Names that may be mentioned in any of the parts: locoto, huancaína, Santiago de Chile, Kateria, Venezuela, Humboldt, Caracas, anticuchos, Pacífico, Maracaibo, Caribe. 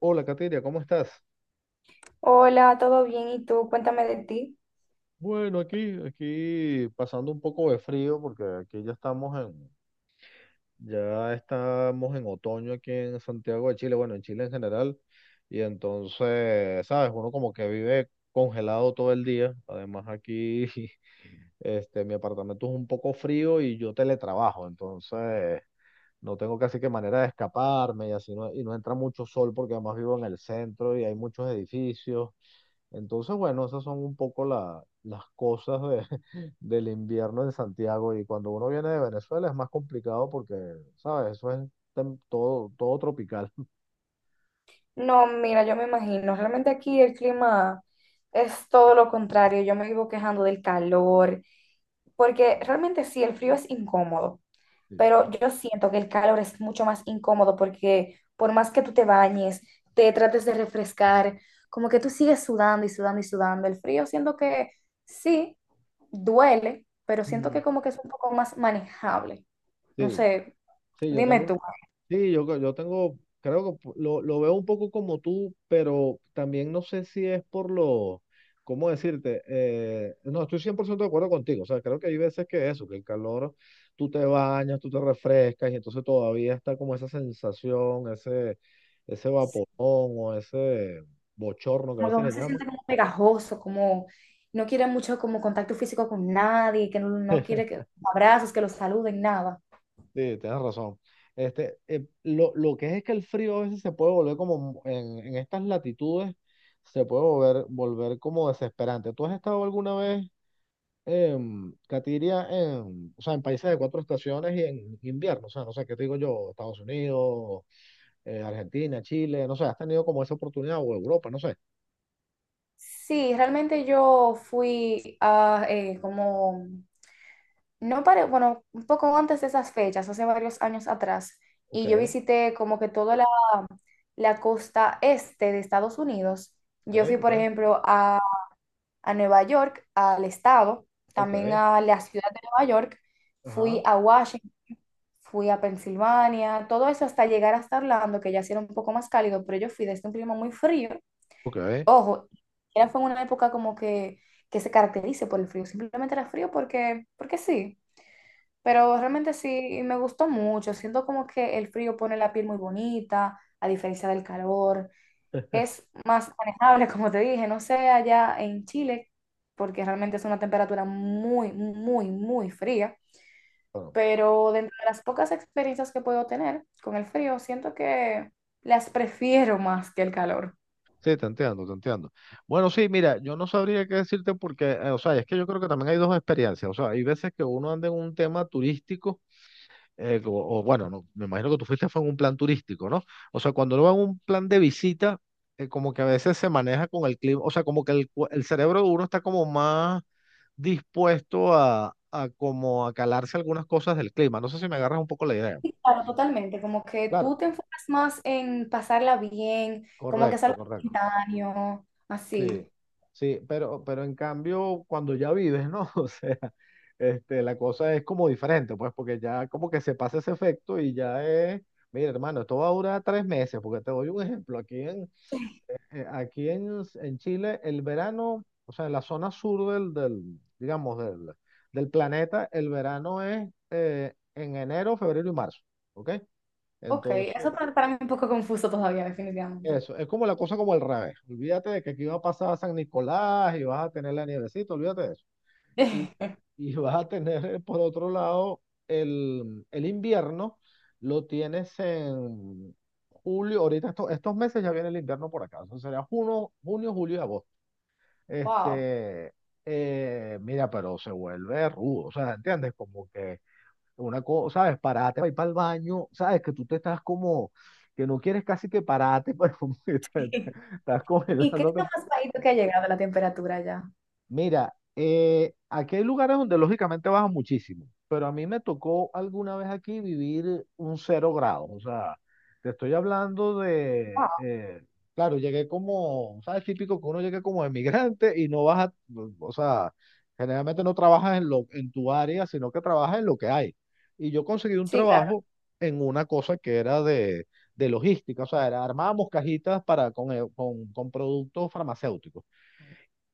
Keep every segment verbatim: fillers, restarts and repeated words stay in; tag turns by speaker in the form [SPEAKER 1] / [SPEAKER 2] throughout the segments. [SPEAKER 1] Hola, Kateria, ¿cómo estás?
[SPEAKER 2] Hola, ¿todo bien? ¿Y tú? Cuéntame de ti.
[SPEAKER 1] Bueno, aquí, aquí pasando un poco de frío porque aquí ya estamos en, ya estamos en otoño aquí en Santiago de Chile, bueno, en Chile en general, y entonces, sabes, uno como que vive congelado todo el día. Además aquí, este, mi apartamento es un poco frío y yo teletrabajo, entonces no tengo casi que manera de escaparme y así no, y no entra mucho sol porque además vivo en el centro y hay muchos edificios. Entonces, bueno, esas son un poco la- las cosas de- del invierno en Santiago y cuando uno viene de Venezuela es más complicado porque, ¿sabes? Eso es tem- todo, todo tropical.
[SPEAKER 2] No, mira, yo me imagino, realmente aquí el clima es todo lo contrario. Yo me vivo quejando del calor, porque
[SPEAKER 1] Sí.
[SPEAKER 2] realmente sí, el frío es incómodo, pero yo siento que el calor es mucho más incómodo porque por más que tú te bañes, te trates de refrescar, como que tú sigues sudando y sudando y sudando. El frío siento que sí, duele, pero siento
[SPEAKER 1] Mm.
[SPEAKER 2] que como que es un poco más manejable. No
[SPEAKER 1] Sí,
[SPEAKER 2] sé,
[SPEAKER 1] sí, yo
[SPEAKER 2] dime
[SPEAKER 1] tengo.
[SPEAKER 2] tú.
[SPEAKER 1] Sí, yo, creo- yo tengo, creo que lo, lo veo un poco como tú, pero también no sé si es por lo, ¿cómo decirte? Eh, no, estoy cien por ciento de acuerdo contigo, o sea, creo que hay veces que eso, que el calor, tú te bañas, tú te refrescas y entonces todavía está como esa sensación, ese, ese vaporón o ese bochorno que a
[SPEAKER 2] Como que
[SPEAKER 1] veces
[SPEAKER 2] uno
[SPEAKER 1] le
[SPEAKER 2] se
[SPEAKER 1] llaman.
[SPEAKER 2] siente como pegajoso, como no quiere mucho como contacto físico con nadie, que no, no quiere que abrazos, que los saluden, nada.
[SPEAKER 1] Sí, tienes razón. Este, eh, lo, lo que es que el frío a veces se puede volver como en, en estas latitudes, se puede volver, volver como desesperante. ¿Tú has estado alguna vez, en Katiria, en, o sea, en países de cuatro estaciones y en invierno? O sea, no sé, ¿qué te digo yo? Estados Unidos, eh, Argentina, Chile, no sé, ¿has tenido como esa oportunidad o Europa, no sé?
[SPEAKER 2] Sí, realmente yo fui a eh, como, no para, bueno, un poco antes de esas fechas, hace varios años atrás,
[SPEAKER 1] Ok,
[SPEAKER 2] y yo visité como que toda la, la costa este de Estados Unidos. Yo fui,
[SPEAKER 1] ok,
[SPEAKER 2] por
[SPEAKER 1] ok,
[SPEAKER 2] ejemplo, a, a Nueva York, al estado, también
[SPEAKER 1] ok,
[SPEAKER 2] a la ciudad de Nueva York, fui
[SPEAKER 1] ajá,
[SPEAKER 2] a Washington, fui a Pensilvania, todo eso hasta llegar hasta Orlando, que ya sí era un poco más cálido, pero yo fui desde un clima muy frío.
[SPEAKER 1] ok.
[SPEAKER 2] Ojo, era fue una época como que, que se caracterice por el frío, simplemente era frío porque, porque sí, pero realmente sí me gustó mucho, siento como que el frío pone la piel muy bonita, a diferencia del calor, es más manejable, como te dije, no sé allá en Chile, porque realmente es una temperatura muy, muy, muy fría,
[SPEAKER 1] Bueno.
[SPEAKER 2] pero dentro de las pocas experiencias que puedo tener con el frío, siento que las prefiero más que el calor.
[SPEAKER 1] Sí, te entiendo, te entiendo. Bueno, sí, mira, yo no sabría qué decirte porque, eh, o sea, es que yo creo que también hay dos experiencias. O sea, hay veces que uno anda en un tema turístico, eh, o, o bueno, no, me imagino que tú fuiste fue en un plan turístico, ¿no? O sea, cuando uno va en un plan de visita, eh, como que a veces se maneja con el clima, o sea, como que el, cu- el cerebro de uno está como más dispuesto a, a, como a calarse algunas cosas del clima. No sé si me agarras un poco la idea.
[SPEAKER 2] Sí, claro, totalmente, como que
[SPEAKER 1] Claro,
[SPEAKER 2] tú te enfocas más en pasarla bien, como que es
[SPEAKER 1] correcto,
[SPEAKER 2] algo
[SPEAKER 1] correcto.
[SPEAKER 2] instantáneo, así.
[SPEAKER 1] Sí, sí, pero, pero en cambio, cuando ya vives, ¿no? O sea, este, la cosa es como diferente, pues, porque ya como que se pasa ese efecto y ya es, mira, hermano, esto va a durar tres meses, porque te doy un ejemplo, aquí en, eh, aquí en, en Chile, el verano, o sea, en la zona sur del, del, digamos, del, del planeta, el verano es eh, en enero, febrero y marzo, ¿ok?
[SPEAKER 2] Ok, eso
[SPEAKER 1] Entonces,
[SPEAKER 2] para, para mí es un poco confuso todavía, definitivamente.
[SPEAKER 1] eso, es como la cosa como el revés. Olvídate de que aquí va a pasar San Nicolás y vas a tener la nievecita, olvídate de eso. Y, y vas a tener, eh, por otro lado, el, el invierno, lo tienes en julio, ahorita esto- estos meses ya viene el invierno por acá, eso sería junio, junio, julio y agosto.
[SPEAKER 2] Wow.
[SPEAKER 1] Este, eh, mira, pero se vuelve rudo, o sea, ¿entiendes? Como que una cosa, ¿sabes? Parate para ir para el baño, ¿sabes? Que tú te estás como, que no quieres casi que parate, pero estás
[SPEAKER 2] ¿Y qué es lo
[SPEAKER 1] congelándote.
[SPEAKER 2] más bajito que ha llegado la temperatura ya?
[SPEAKER 1] Mira, eh, aquí hay lugares donde lógicamente baja muchísimo, pero a mí me tocó alguna vez aquí vivir un cero grado. O sea, te estoy hablando de,
[SPEAKER 2] Wow.
[SPEAKER 1] eh, claro, llegué como, ¿sabes? Típico que uno llegue como emigrante y no baja, o sea, generalmente no trabajas en lo, en tu área, sino que trabajas en lo que hay. Y yo conseguí un
[SPEAKER 2] Sí, claro.
[SPEAKER 1] trabajo en una cosa que era de, de logística, o sea, era- armábamos cajitas para, con, eh, con con productos farmacéuticos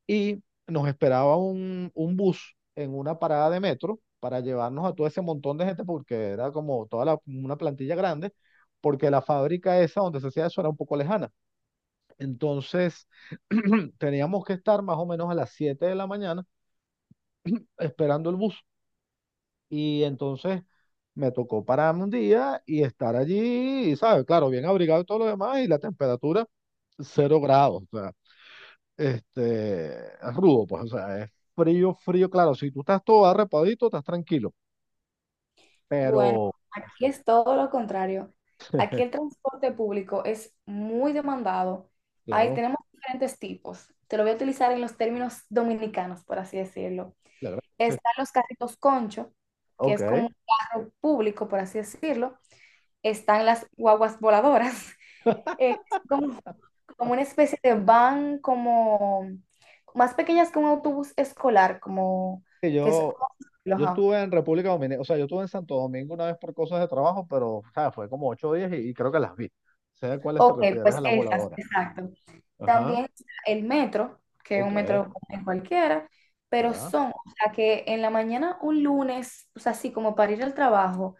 [SPEAKER 1] y nos esperaba un, un bus en una parada de metro para llevarnos a todo ese montón de gente porque era como toda la- una plantilla grande, porque la fábrica esa donde se hacía eso era un poco lejana. Entonces teníamos que estar más o menos a las siete de la mañana esperando el bus y entonces me tocó pararme un día y estar allí, y, ¿sabes? Claro, bien abrigado y todo lo demás y la temperatura cero grados. Este, es rudo, pues, o sea, es frío, frío, claro, si tú estás todo arrepadito, estás tranquilo,
[SPEAKER 2] Bueno,
[SPEAKER 1] pero,
[SPEAKER 2] aquí es todo lo contrario. Aquí el transporte público es muy demandado. Ahí
[SPEAKER 1] claro,
[SPEAKER 2] tenemos diferentes tipos. Te lo voy a utilizar en los términos dominicanos, por así decirlo.
[SPEAKER 1] la gran- sí.
[SPEAKER 2] Están los carritos concho, que es como
[SPEAKER 1] Ok.
[SPEAKER 2] un carro público, por así decirlo. Están las guaguas voladoras, eh, que son como, como una especie de van, como más pequeñas que un autobús escolar, como
[SPEAKER 1] Que
[SPEAKER 2] que es,
[SPEAKER 1] Yo, yo estuve en República Dominicana, o sea, yo estuve en Santo Domingo una vez por cosas de trabajo, pero, o sea, fue como ocho días y, y creo que las vi. Sé a cuáles te
[SPEAKER 2] ok,
[SPEAKER 1] refieres,
[SPEAKER 2] pues
[SPEAKER 1] a las
[SPEAKER 2] esas,
[SPEAKER 1] voladoras.
[SPEAKER 2] exacto.
[SPEAKER 1] Ajá,
[SPEAKER 2] También está el metro, que es
[SPEAKER 1] ok,
[SPEAKER 2] un metro en cualquiera, pero
[SPEAKER 1] ya,
[SPEAKER 2] son, o sea, que en la mañana un lunes, o sea, así como para ir al trabajo,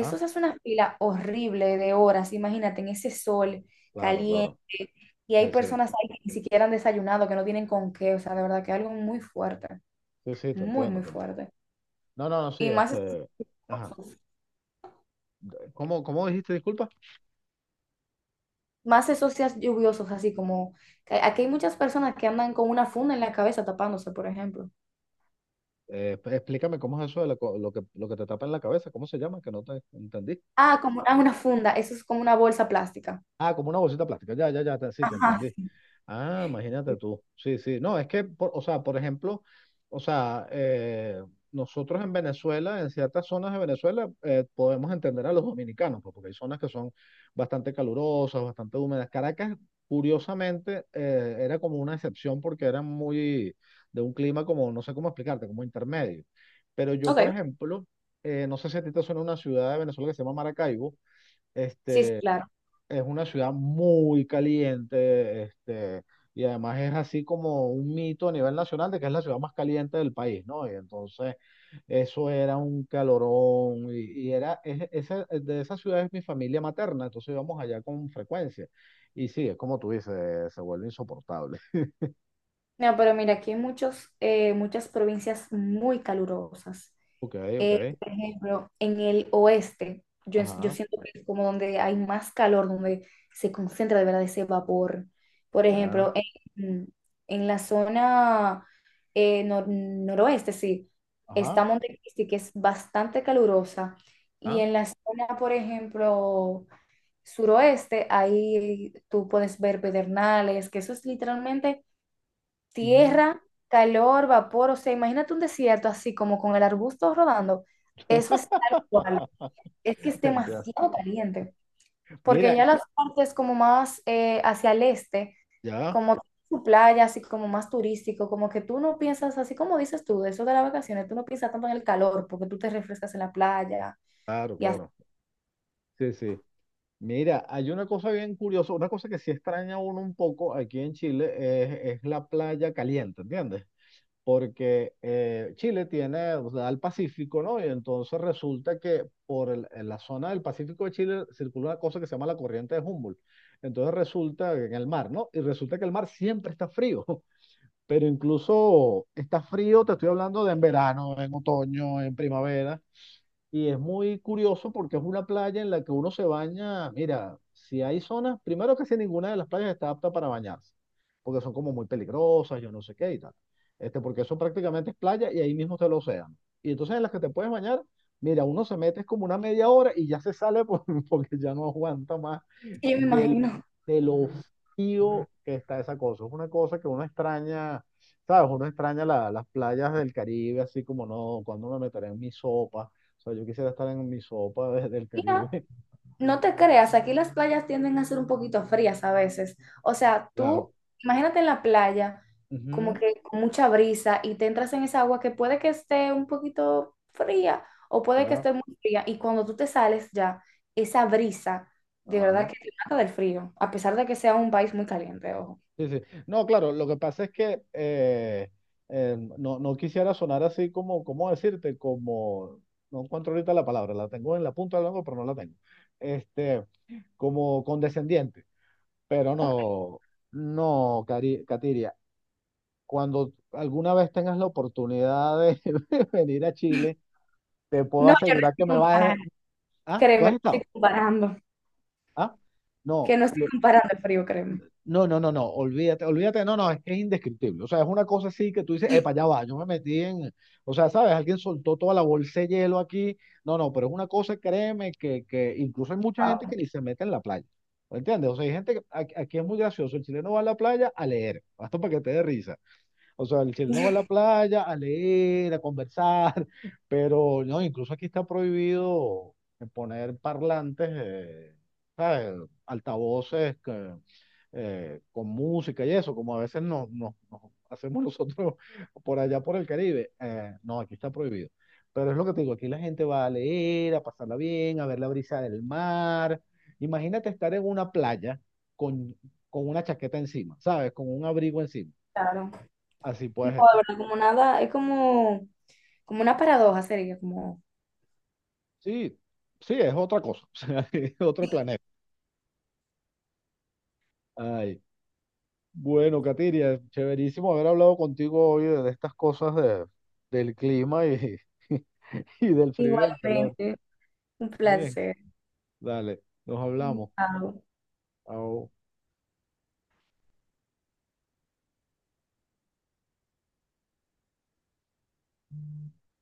[SPEAKER 1] ah,
[SPEAKER 2] se hace una fila horrible de horas, imagínate, en ese sol
[SPEAKER 1] claro,
[SPEAKER 2] caliente,
[SPEAKER 1] claro,
[SPEAKER 2] y hay
[SPEAKER 1] sí, sí,
[SPEAKER 2] personas ahí que ni siquiera han desayunado, que no tienen con qué, o sea, de verdad que es algo muy fuerte,
[SPEAKER 1] sí, sí, te
[SPEAKER 2] muy,
[SPEAKER 1] entiendo,
[SPEAKER 2] muy
[SPEAKER 1] te entiendo.
[SPEAKER 2] fuerte.
[SPEAKER 1] No, no, no, sí,
[SPEAKER 2] Y más,
[SPEAKER 1] este. Ajá.
[SPEAKER 2] esos-
[SPEAKER 1] ¿Cómo, cómo dijiste, disculpa?
[SPEAKER 2] más esos días lluviosos, así como, que aquí hay muchas personas que andan con una funda en la cabeza tapándose, por ejemplo.
[SPEAKER 1] Eh, explícame cómo es eso de la co- lo que, lo que te tapa en la cabeza, ¿cómo se llama? Que no te entendí.
[SPEAKER 2] Ah, como ah, una funda, eso es como una bolsa plástica.
[SPEAKER 1] Ah, como una bolsita plástica. Ya, ya, ya, te- sí, te
[SPEAKER 2] Ajá.
[SPEAKER 1] entendí. Ah, imagínate tú. Sí, sí. No, es que, por- o sea, por ejemplo, o sea, eh, nosotros en Venezuela, en ciertas zonas de Venezuela, eh, podemos entender a los dominicanos, pues, porque hay zonas que son bastante calurosas, bastante húmedas. Caracas, curiosamente, eh, era como una excepción porque era muy de un clima como, no sé cómo explicarte, como intermedio. Pero yo,
[SPEAKER 2] Ok,
[SPEAKER 1] por ejemplo, eh, no sé si a ti te suena una ciudad de Venezuela que se llama Maracaibo.
[SPEAKER 2] sí, sí, claro.
[SPEAKER 1] Es una ciudad muy caliente, este, y además es así como un mito a nivel nacional de que es la ciudad más caliente del país, ¿no? Y entonces eso era un calorón, y, y era, es- esa- de esa ciudad es mi familia materna, entonces íbamos allá con frecuencia. Y sí, es como tú dices, se vuelve insoportable.
[SPEAKER 2] No, pero mira, aquí hay muchos, eh, muchas provincias muy calurosas.
[SPEAKER 1] Ok, ok,
[SPEAKER 2] Eh, por ejemplo, en el oeste, yo, yo
[SPEAKER 1] ajá,
[SPEAKER 2] siento que es como donde hay más calor, donde se concentra de verdad ese vapor. Por
[SPEAKER 1] ya,
[SPEAKER 2] ejemplo, en, en la zona eh, nor- noroeste, sí, está
[SPEAKER 1] ajá,
[SPEAKER 2] Montecristi, que es bastante calurosa. Y
[SPEAKER 1] ah,
[SPEAKER 2] en la zona, por ejemplo, suroeste, ahí tú puedes ver pedernales, que eso es literalmente
[SPEAKER 1] ujú.
[SPEAKER 2] tierra, calor, vapor, o sea, imagínate un desierto así como con el arbusto rodando, eso es tal cual, es que es
[SPEAKER 1] Entiendo.
[SPEAKER 2] demasiado caliente, porque
[SPEAKER 1] Mira,
[SPEAKER 2] ya las partes como más eh, hacia el este,
[SPEAKER 1] ya,
[SPEAKER 2] como su playa, así como más turístico, como que tú no piensas, así como dices tú, de eso de las vacaciones, tú no piensas tanto en el calor, porque tú te refrescas en la playa
[SPEAKER 1] claro,
[SPEAKER 2] y así,
[SPEAKER 1] claro, sí, sí. Mira, hay una cosa bien curiosa, una cosa que sí extraña a uno un poco aquí en Chile es, es la playa caliente, ¿entiendes? Porque eh, Chile tiene, o sea, el Pacífico, ¿no? Y entonces resulta que por el- en la zona del Pacífico de Chile circula una cosa que se llama la corriente de Humboldt. Entonces resulta que en el mar, ¿no? Y resulta que el mar siempre está frío, pero incluso está frío, te estoy hablando de en verano, en otoño, en primavera. Y es muy curioso porque es una playa en la que uno se baña. Mira, si hay zonas, primero que si ninguna de las playas está apta para bañarse, porque son como muy peligrosas, yo no sé qué y tal. Este, porque eso prácticamente es playa y ahí mismo está el océano. Y entonces en las que te puedes bañar, mira, uno se mete es como una media hora y ya se sale por- porque ya no aguanta más
[SPEAKER 2] yo me
[SPEAKER 1] del,
[SPEAKER 2] imagino.
[SPEAKER 1] de lo frío que está esa cosa. Es una cosa que uno extraña, ¿sabes? Uno extraña la- las playas del Caribe, así como no, cuando me meteré en mi sopa, o sea, yo quisiera estar en mi sopa desde el Caribe.
[SPEAKER 2] Mira, no te creas, aquí las playas tienden a ser un poquito frías a veces. O sea,
[SPEAKER 1] Claro.
[SPEAKER 2] tú imagínate en la playa, como
[SPEAKER 1] Ujú,
[SPEAKER 2] que con mucha brisa y te entras en esa agua que puede que esté un poquito fría o puede que
[SPEAKER 1] ya,
[SPEAKER 2] esté muy fría. Y cuando tú te sales ya, esa brisa, de verdad
[SPEAKER 1] ajá.
[SPEAKER 2] que te mata del frío, a pesar de que sea un país muy caliente, ojo.
[SPEAKER 1] Sí, sí. No, claro, lo que pasa es que eh, eh, no, no quisiera sonar así como, ¿cómo decirte? Como, no encuentro ahorita la palabra, la tengo en la punta del la lengua, pero no la tengo. Este, como condescendiente, pero
[SPEAKER 2] Ok.
[SPEAKER 1] no, no, Cari- Katiria, cuando alguna vez tengas la oportunidad de venir a Chile, te puedo
[SPEAKER 2] No, yo no
[SPEAKER 1] asegurar que
[SPEAKER 2] estoy
[SPEAKER 1] me vas a...
[SPEAKER 2] comparando,
[SPEAKER 1] Ah, ¿tú
[SPEAKER 2] créeme, no
[SPEAKER 1] has
[SPEAKER 2] estoy
[SPEAKER 1] estado?
[SPEAKER 2] comparando,
[SPEAKER 1] Ah,
[SPEAKER 2] que
[SPEAKER 1] no.
[SPEAKER 2] no estoy
[SPEAKER 1] lo-
[SPEAKER 2] comparando el frío, créeme.
[SPEAKER 1] No, no, no, no, olvídate, olvídate, no, no, es que es indescriptible. O sea, es una cosa así que tú dices, epa, ya va, yo me metí en, o sea, ¿sabes? Alguien soltó toda la bolsa de hielo aquí. No, no, pero es una cosa, créeme, que, que incluso hay mucha gente
[SPEAKER 2] Wow.
[SPEAKER 1] que ni se mete en la playa. ¿Me ¿Entiendes? O sea, hay gente que aquí, aquí es muy gracioso. El chileno va a la playa a leer, hasta para que te dé risa. O sea, el chileno va a la playa a leer, a conversar, pero no, incluso aquí está prohibido poner parlantes, eh, ¿sabes? Altavoces que eh, con música y eso, como a veces nos, nos- nos hacemos nosotros por allá por el Caribe. Eh, no, aquí está prohibido. Pero es lo que te digo, aquí la gente va a leer, a pasarla bien, a ver la brisa del mar. Imagínate estar en una playa con, con, una chaqueta encima, ¿sabes? Con un abrigo encima.
[SPEAKER 2] Claro.
[SPEAKER 1] Así
[SPEAKER 2] No, de
[SPEAKER 1] puedes estar.
[SPEAKER 2] verdad, como nada, es como, como una paradoja sería, como
[SPEAKER 1] Sí, sí, es otra cosa, o sea, es otro planeta. Ay, bueno, Katiria, chéverísimo haber hablado contigo hoy de de estas cosas de, del clima y, y del frío y del calor.
[SPEAKER 2] igualmente, un
[SPEAKER 1] Está bien,
[SPEAKER 2] placer.
[SPEAKER 1] dale, nos hablamos.
[SPEAKER 2] Chao.
[SPEAKER 1] Au.